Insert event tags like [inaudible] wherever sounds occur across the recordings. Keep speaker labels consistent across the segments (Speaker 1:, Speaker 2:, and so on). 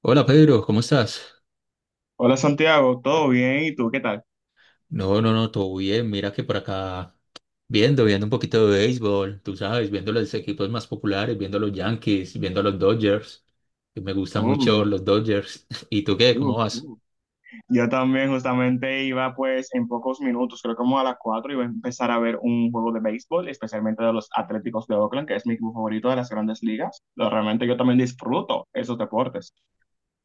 Speaker 1: Hola Pedro, ¿cómo estás?
Speaker 2: Hola Santiago, ¿todo bien? ¿Y tú qué tal?
Speaker 1: No, no, no, todo bien. Mira que por acá viendo, viendo un poquito de béisbol, tú sabes, viendo los equipos más populares, viendo a los Yankees, viendo a los Dodgers, que me gustan mucho
Speaker 2: Uh,
Speaker 1: los Dodgers. [laughs] ¿Y tú qué? ¿Cómo
Speaker 2: uh,
Speaker 1: vas?
Speaker 2: uh. Yo también justamente iba pues en pocos minutos, creo como a las 4 iba a empezar a ver un juego de béisbol, especialmente de los Atléticos de Oakland, que es mi equipo favorito de las grandes ligas. Realmente yo también disfruto esos deportes.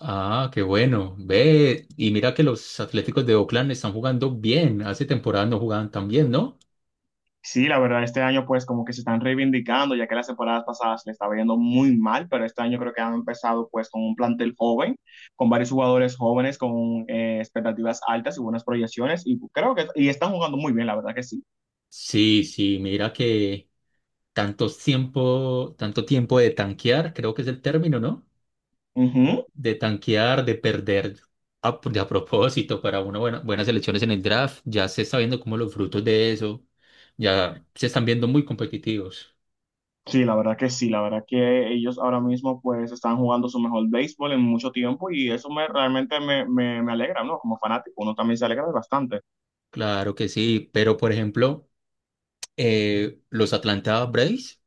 Speaker 1: Ah, qué bueno. Ve, y mira que los Atléticos de Oakland están jugando bien. Hace temporada no jugaban tan bien, ¿no?
Speaker 2: Sí, la verdad, este año pues como que se están reivindicando, ya que las temporadas pasadas le estaba yendo muy mal, pero este año creo que han empezado pues con un plantel joven, con varios jugadores jóvenes, con expectativas altas y buenas proyecciones, y creo que y están jugando muy bien, la verdad que sí.
Speaker 1: Sí, sí, mira que tanto tiempo de tanquear, creo que es el término, ¿no?
Speaker 2: Ujú.
Speaker 1: De tanquear, de perder de a propósito para una buena, buenas elecciones en el draft. Ya se está viendo como los frutos de eso. Ya se están viendo muy competitivos.
Speaker 2: Sí, la verdad que sí, la verdad que ellos ahora mismo pues están jugando su mejor béisbol en mucho tiempo y eso me realmente me alegra, ¿no? Como fanático, uno también se alegra bastante.
Speaker 1: Claro que sí, pero por ejemplo, los Atlanta Braves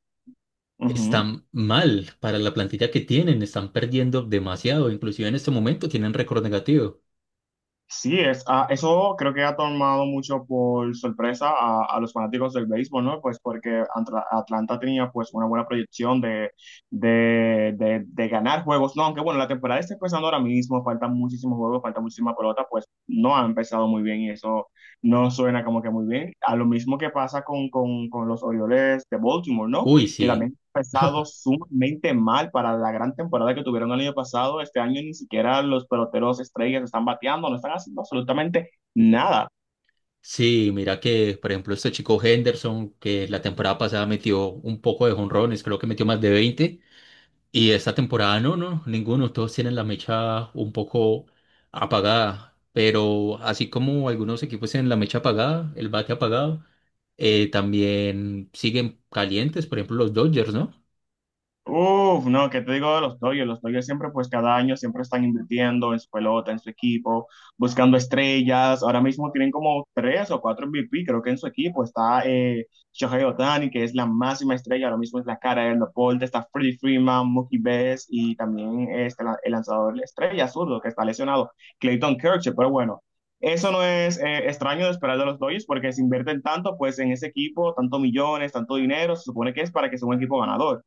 Speaker 2: Ujú.
Speaker 1: están mal para la plantilla que tienen, están perdiendo demasiado, inclusive en este momento tienen récord negativo.
Speaker 2: Sí, es, eso creo que ha tomado mucho por sorpresa a los fanáticos del béisbol, ¿no? Pues porque Atlanta tenía pues una buena proyección de ganar juegos, ¿no? Aunque bueno, la temporada está empezando ahora mismo, faltan muchísimos juegos, falta muchísima pelota, pues no ha empezado muy bien y eso no suena como que muy bien. A lo mismo que pasa con los Orioles de Baltimore, ¿no?
Speaker 1: Uy,
Speaker 2: Que
Speaker 1: sí.
Speaker 2: también empezado sumamente mal para la gran temporada que tuvieron el año pasado. Este año ni siquiera los peloteros estrellas están bateando, no están haciendo absolutamente nada.
Speaker 1: Sí, mira que, por ejemplo, este chico Henderson, que la temporada pasada metió un poco de jonrones, creo que metió más de 20. Y esta temporada no, no, ninguno, todos tienen la mecha un poco apagada, pero así como algunos equipos tienen la mecha apagada, el bate apagado, también siguen calientes, por ejemplo los Dodgers, ¿no?
Speaker 2: Uf, no, ¿qué te digo de los Dodgers? Los Dodgers siempre, pues cada año siempre están invirtiendo en su pelota, en su equipo, buscando estrellas. Ahora mismo tienen como tres o cuatro MVP, creo que en su equipo. Está Shohei Ohtani, que es la máxima estrella, ahora mismo es la cara del deporte. Está Freddie Freeman, Mookie Betts y también este, el lanzador estrella zurdo que está lesionado, Clayton Kershaw. Pero bueno, eso no es extraño de esperar de los Dodgers porque se invierten tanto pues en ese equipo, tanto millones, tanto dinero. Se supone que es para que sea un equipo ganador.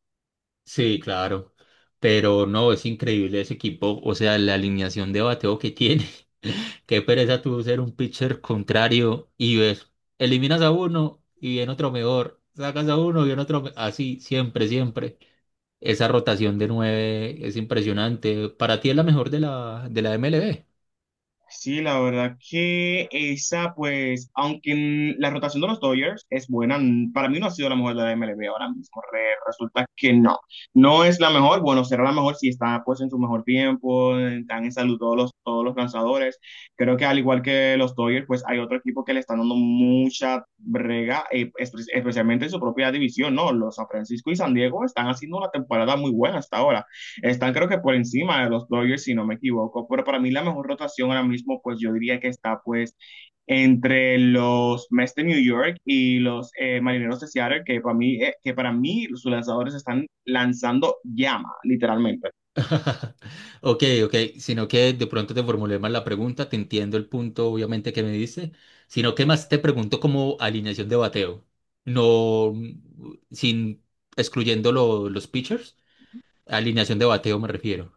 Speaker 1: Sí, claro, pero no, es increíble ese equipo, o sea, la alineación de bateo que tiene. [laughs] Qué pereza tú ser un pitcher contrario y ves, eliminas a uno y viene otro mejor, sacas a uno y viene otro, así, siempre, siempre. Esa rotación de nueve es impresionante. Para ti es la mejor de la MLB.
Speaker 2: Sí, la verdad que esa, pues, aunque la rotación de los Dodgers es buena, para mí no ha sido la mejor de la MLB ahora mismo. Resulta que no. No es la mejor, bueno, será la mejor si está, pues, en su mejor tiempo, están en salud todos los lanzadores. Creo que al igual que los Dodgers, pues, hay otro equipo que le están dando mucha brega, especialmente en su propia división, ¿no? Los San Francisco y San Diego están haciendo una temporada muy buena hasta ahora. Están creo que por encima de los Dodgers, si no me equivoco, pero para mí la mejor rotación ahora mismo, pues yo diría que está pues entre los Mets de New York y los Marineros de Seattle, que para mí, que para mí sus lanzadores están lanzando llama, literalmente.
Speaker 1: [laughs] Ok, ok. Sino que de pronto te formulé mal la pregunta. Te entiendo el punto, obviamente, que me dice. Sino que más te pregunto como alineación de bateo. No, mm, sin excluyendo los pitchers. Alineación de bateo me refiero.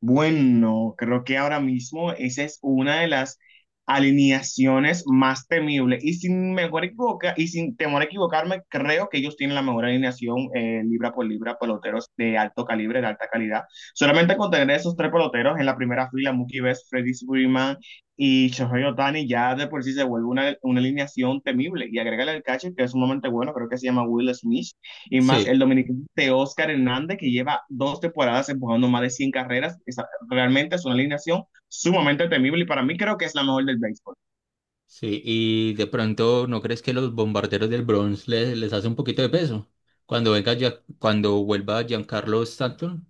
Speaker 2: Bueno, creo que ahora mismo esa es una de las alineaciones más temibles. Y sin temor a equivocarme, creo que ellos tienen la mejor alineación libra por libra, peloteros de alto calibre, de alta calidad. Solamente con tener esos tres peloteros en la primera fila, Mookie Betts, Freddie Freeman y Shohei Ohtani, ya de por sí se vuelve una alineación temible. Y agrégale el catcher, que es sumamente bueno, creo que se llama Will Smith y más el
Speaker 1: Sí,
Speaker 2: dominicano de Oscar Hernández, que lleva 2 temporadas empujando más de 100 carreras. Esa, realmente es una alineación sumamente temible y para mí creo que es la mejor del béisbol.
Speaker 1: sí. Y de pronto, ¿no crees que los bombarderos del Bronx les hace un poquito de peso? Cuando venga ya, cuando vuelva Giancarlo Stanton.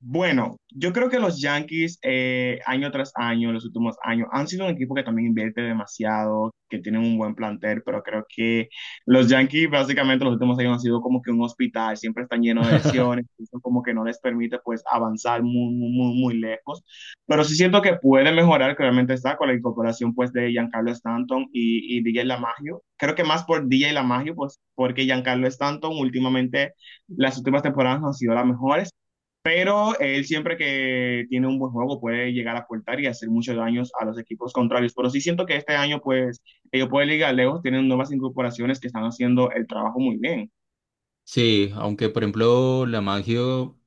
Speaker 2: Bueno, yo creo que los Yankees año tras año, en los últimos años, han sido un equipo que también invierte demasiado, que tienen un buen plantel, pero creo que los Yankees básicamente los últimos años han sido como que un hospital, siempre están llenos de
Speaker 1: [laughs]
Speaker 2: lesiones, eso como que no les permite pues avanzar muy, muy, muy, muy lejos, pero sí siento que puede mejorar, claramente está con la incorporación pues de Giancarlo Stanton y DJ LaMagio, creo que más por DJ LaMagio, pues porque Giancarlo Stanton últimamente, las últimas temporadas no han sido las mejores. Pero él siempre que tiene un buen juego puede llegar a aportar y hacer muchos daños a los equipos contrarios. Pero sí siento que este año, pues, ellos pueden llegar lejos, tienen nuevas incorporaciones que están haciendo el trabajo muy bien.
Speaker 1: Sí, aunque por ejemplo la Lamagio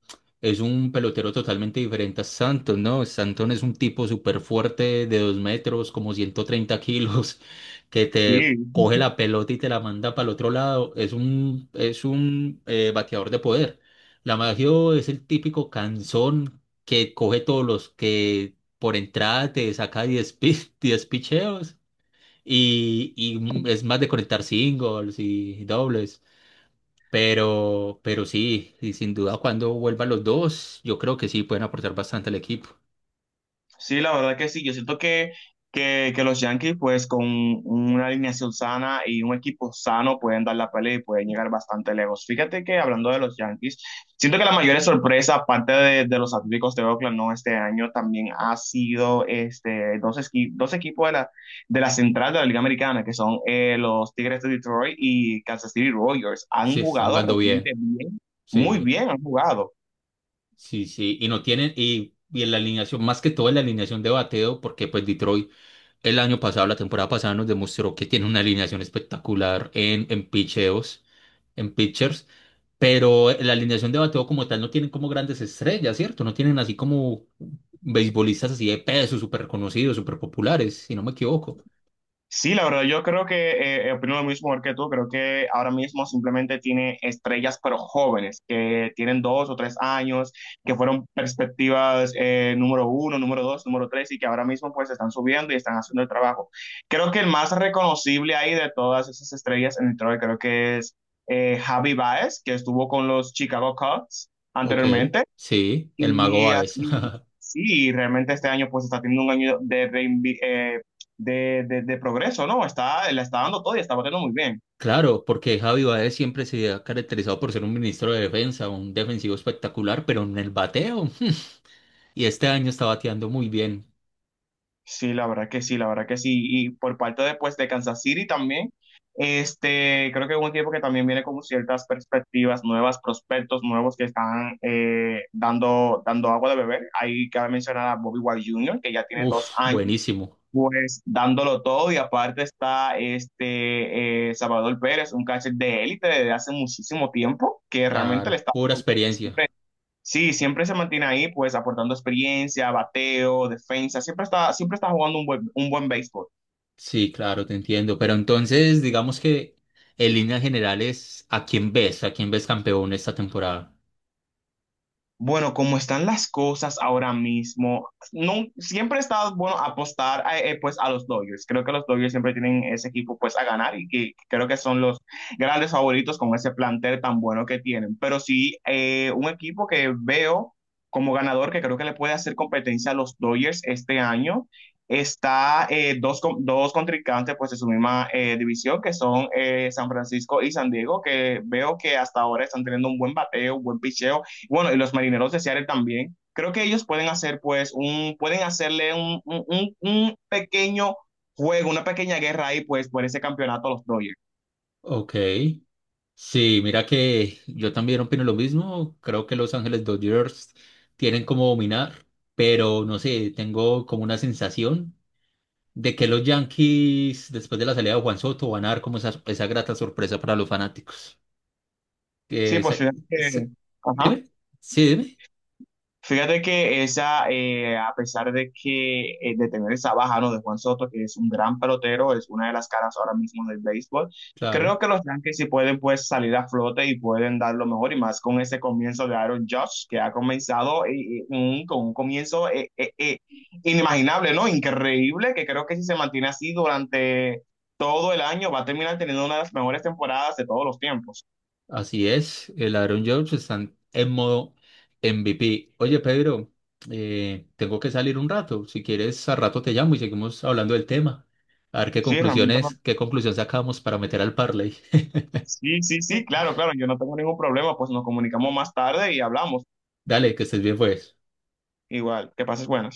Speaker 1: es un pelotero totalmente diferente a Santos, ¿no? Santos es un tipo súper fuerte de 2 metros, como 130 kilos, [laughs] que te
Speaker 2: Sí.
Speaker 1: coge la pelota y te la manda para el otro lado. Es un bateador de poder. Lamagio es el típico canzón que coge todos los que por entrada te saca [laughs] 10 picheos y, y es más de conectar singles y dobles. Pero sí, y sin duda cuando vuelvan los dos, yo creo que sí pueden aportar bastante al equipo.
Speaker 2: Sí, la verdad que sí. Yo siento que los Yankees, pues con una alineación sana y un equipo sano, pueden dar la pelea y pueden llegar bastante lejos. Fíjate que hablando de los Yankees, siento que la mayor sorpresa, aparte de los Atléticos de Oakland, no este año, también ha sido este, dos equipos de la central de la Liga Americana, que son los Tigres de Detroit y Kansas City Royals.
Speaker 1: Sí,
Speaker 2: Han
Speaker 1: están
Speaker 2: jugado
Speaker 1: jugando bien.
Speaker 2: realmente bien, muy
Speaker 1: Sí,
Speaker 2: bien han jugado.
Speaker 1: sí, sí. Y no tienen, y en la alineación, más que todo en la alineación de bateo, porque pues Detroit el año pasado, la temporada pasada, nos demostró que tiene una alineación espectacular en picheos, en pitchers. Pero en la alineación de bateo como tal no tienen como grandes estrellas, ¿cierto? No tienen así como beisbolistas así de peso, súper reconocidos, súper populares, si no me equivoco.
Speaker 2: Sí, la verdad, yo creo que opino lo mismo igual que tú. Creo que ahora mismo simplemente tiene estrellas, pero jóvenes, que tienen 2 o 3 años, que fueron perspectivas número uno, número dos, número tres, y que ahora mismo pues están subiendo y están haciendo el trabajo. Creo que el más reconocible ahí de todas esas estrellas en el Detroit, creo que es Javi Baez, que estuvo con los Chicago Cubs
Speaker 1: Ok,
Speaker 2: anteriormente.
Speaker 1: sí, el mago
Speaker 2: Y
Speaker 1: Báez.
Speaker 2: así,
Speaker 1: [laughs]
Speaker 2: sí, realmente este año pues está teniendo un año de, reinvi- de progreso, ¿no? Está, la está dando todo y está batiendo muy bien.
Speaker 1: Claro, porque Javi Báez siempre se ha caracterizado por ser un ministro de defensa, un defensivo espectacular, pero en el bateo. [laughs] Y este año está bateando muy bien.
Speaker 2: Sí, la verdad que sí, la verdad que sí. Y por parte de, pues, de Kansas City también, este, creo que es un equipo que también viene con ciertas perspectivas nuevas, prospectos nuevos que están dando agua de beber. Ahí cabe mencionar a Bobby Wild Jr., que ya tiene dos
Speaker 1: Uf,
Speaker 2: años
Speaker 1: buenísimo.
Speaker 2: pues dándolo todo y aparte está este Salvador Pérez, un catcher de élite desde hace muchísimo tiempo que realmente le
Speaker 1: Claro,
Speaker 2: está
Speaker 1: pura
Speaker 2: dando.
Speaker 1: experiencia.
Speaker 2: Sí, siempre se mantiene ahí pues aportando experiencia, bateo, defensa, siempre está jugando un buen béisbol.
Speaker 1: Sí, claro, te entiendo. Pero entonces, digamos que en líneas generales, ¿a quién ves? ¿A quién ves campeón esta temporada?
Speaker 2: Bueno, como están las cosas ahora mismo, no, siempre está bueno apostar a, pues a los Dodgers. Creo que los Dodgers siempre tienen ese equipo pues a ganar y que creo que son los grandes favoritos con ese plantel tan bueno que tienen. Pero sí, un equipo que veo como ganador que creo que le puede hacer competencia a los Dodgers este año. Está dos contrincantes pues de su misma división que son San Francisco y San Diego, que veo que hasta ahora están teniendo un buen bateo, un buen picheo bueno, y los marineros de Seattle también. Creo que ellos pueden hacer, pues, pueden hacerle un pequeño juego, una pequeña guerra ahí, pues, por ese campeonato a los Dodgers.
Speaker 1: Ok. Sí, mira que yo también opino lo mismo. Creo que Los Ángeles Dodgers tienen como dominar, pero no sé, tengo como una sensación de que los Yankees, después de la salida de Juan Soto, van a dar como esa grata sorpresa para los fanáticos. Que
Speaker 2: Sí, pues,
Speaker 1: esa- se-
Speaker 2: ajá.
Speaker 1: dime, sí, dime,
Speaker 2: Fíjate que esa, a pesar de que de tener esa baja, ¿no? De Juan Soto, que es un gran pelotero, es una de las caras ahora mismo del béisbol,
Speaker 1: claro.
Speaker 2: creo que los Yankees sí pueden pues salir a flote y pueden dar lo mejor y más con ese comienzo de Aaron Judge, que ha comenzado con un comienzo inimaginable, ¿no? Increíble, que creo que si se mantiene así durante todo el año va a terminar teniendo una de las mejores temporadas de todos los tiempos.
Speaker 1: Así es, el ladrón George están en modo MVP. Oye, Pedro, tengo que salir un rato. Si quieres, al rato te llamo y seguimos hablando del tema. A ver qué
Speaker 2: Sí, realmente
Speaker 1: conclusiones, qué conclusión sacamos para meter al parlay.
Speaker 2: Sí, sí, sí,
Speaker 1: [laughs]
Speaker 2: claro, claro, yo no tengo ningún problema, pues nos comunicamos más tarde y hablamos.
Speaker 1: Dale, que estés bien, pues.
Speaker 2: Igual, que pases buenas.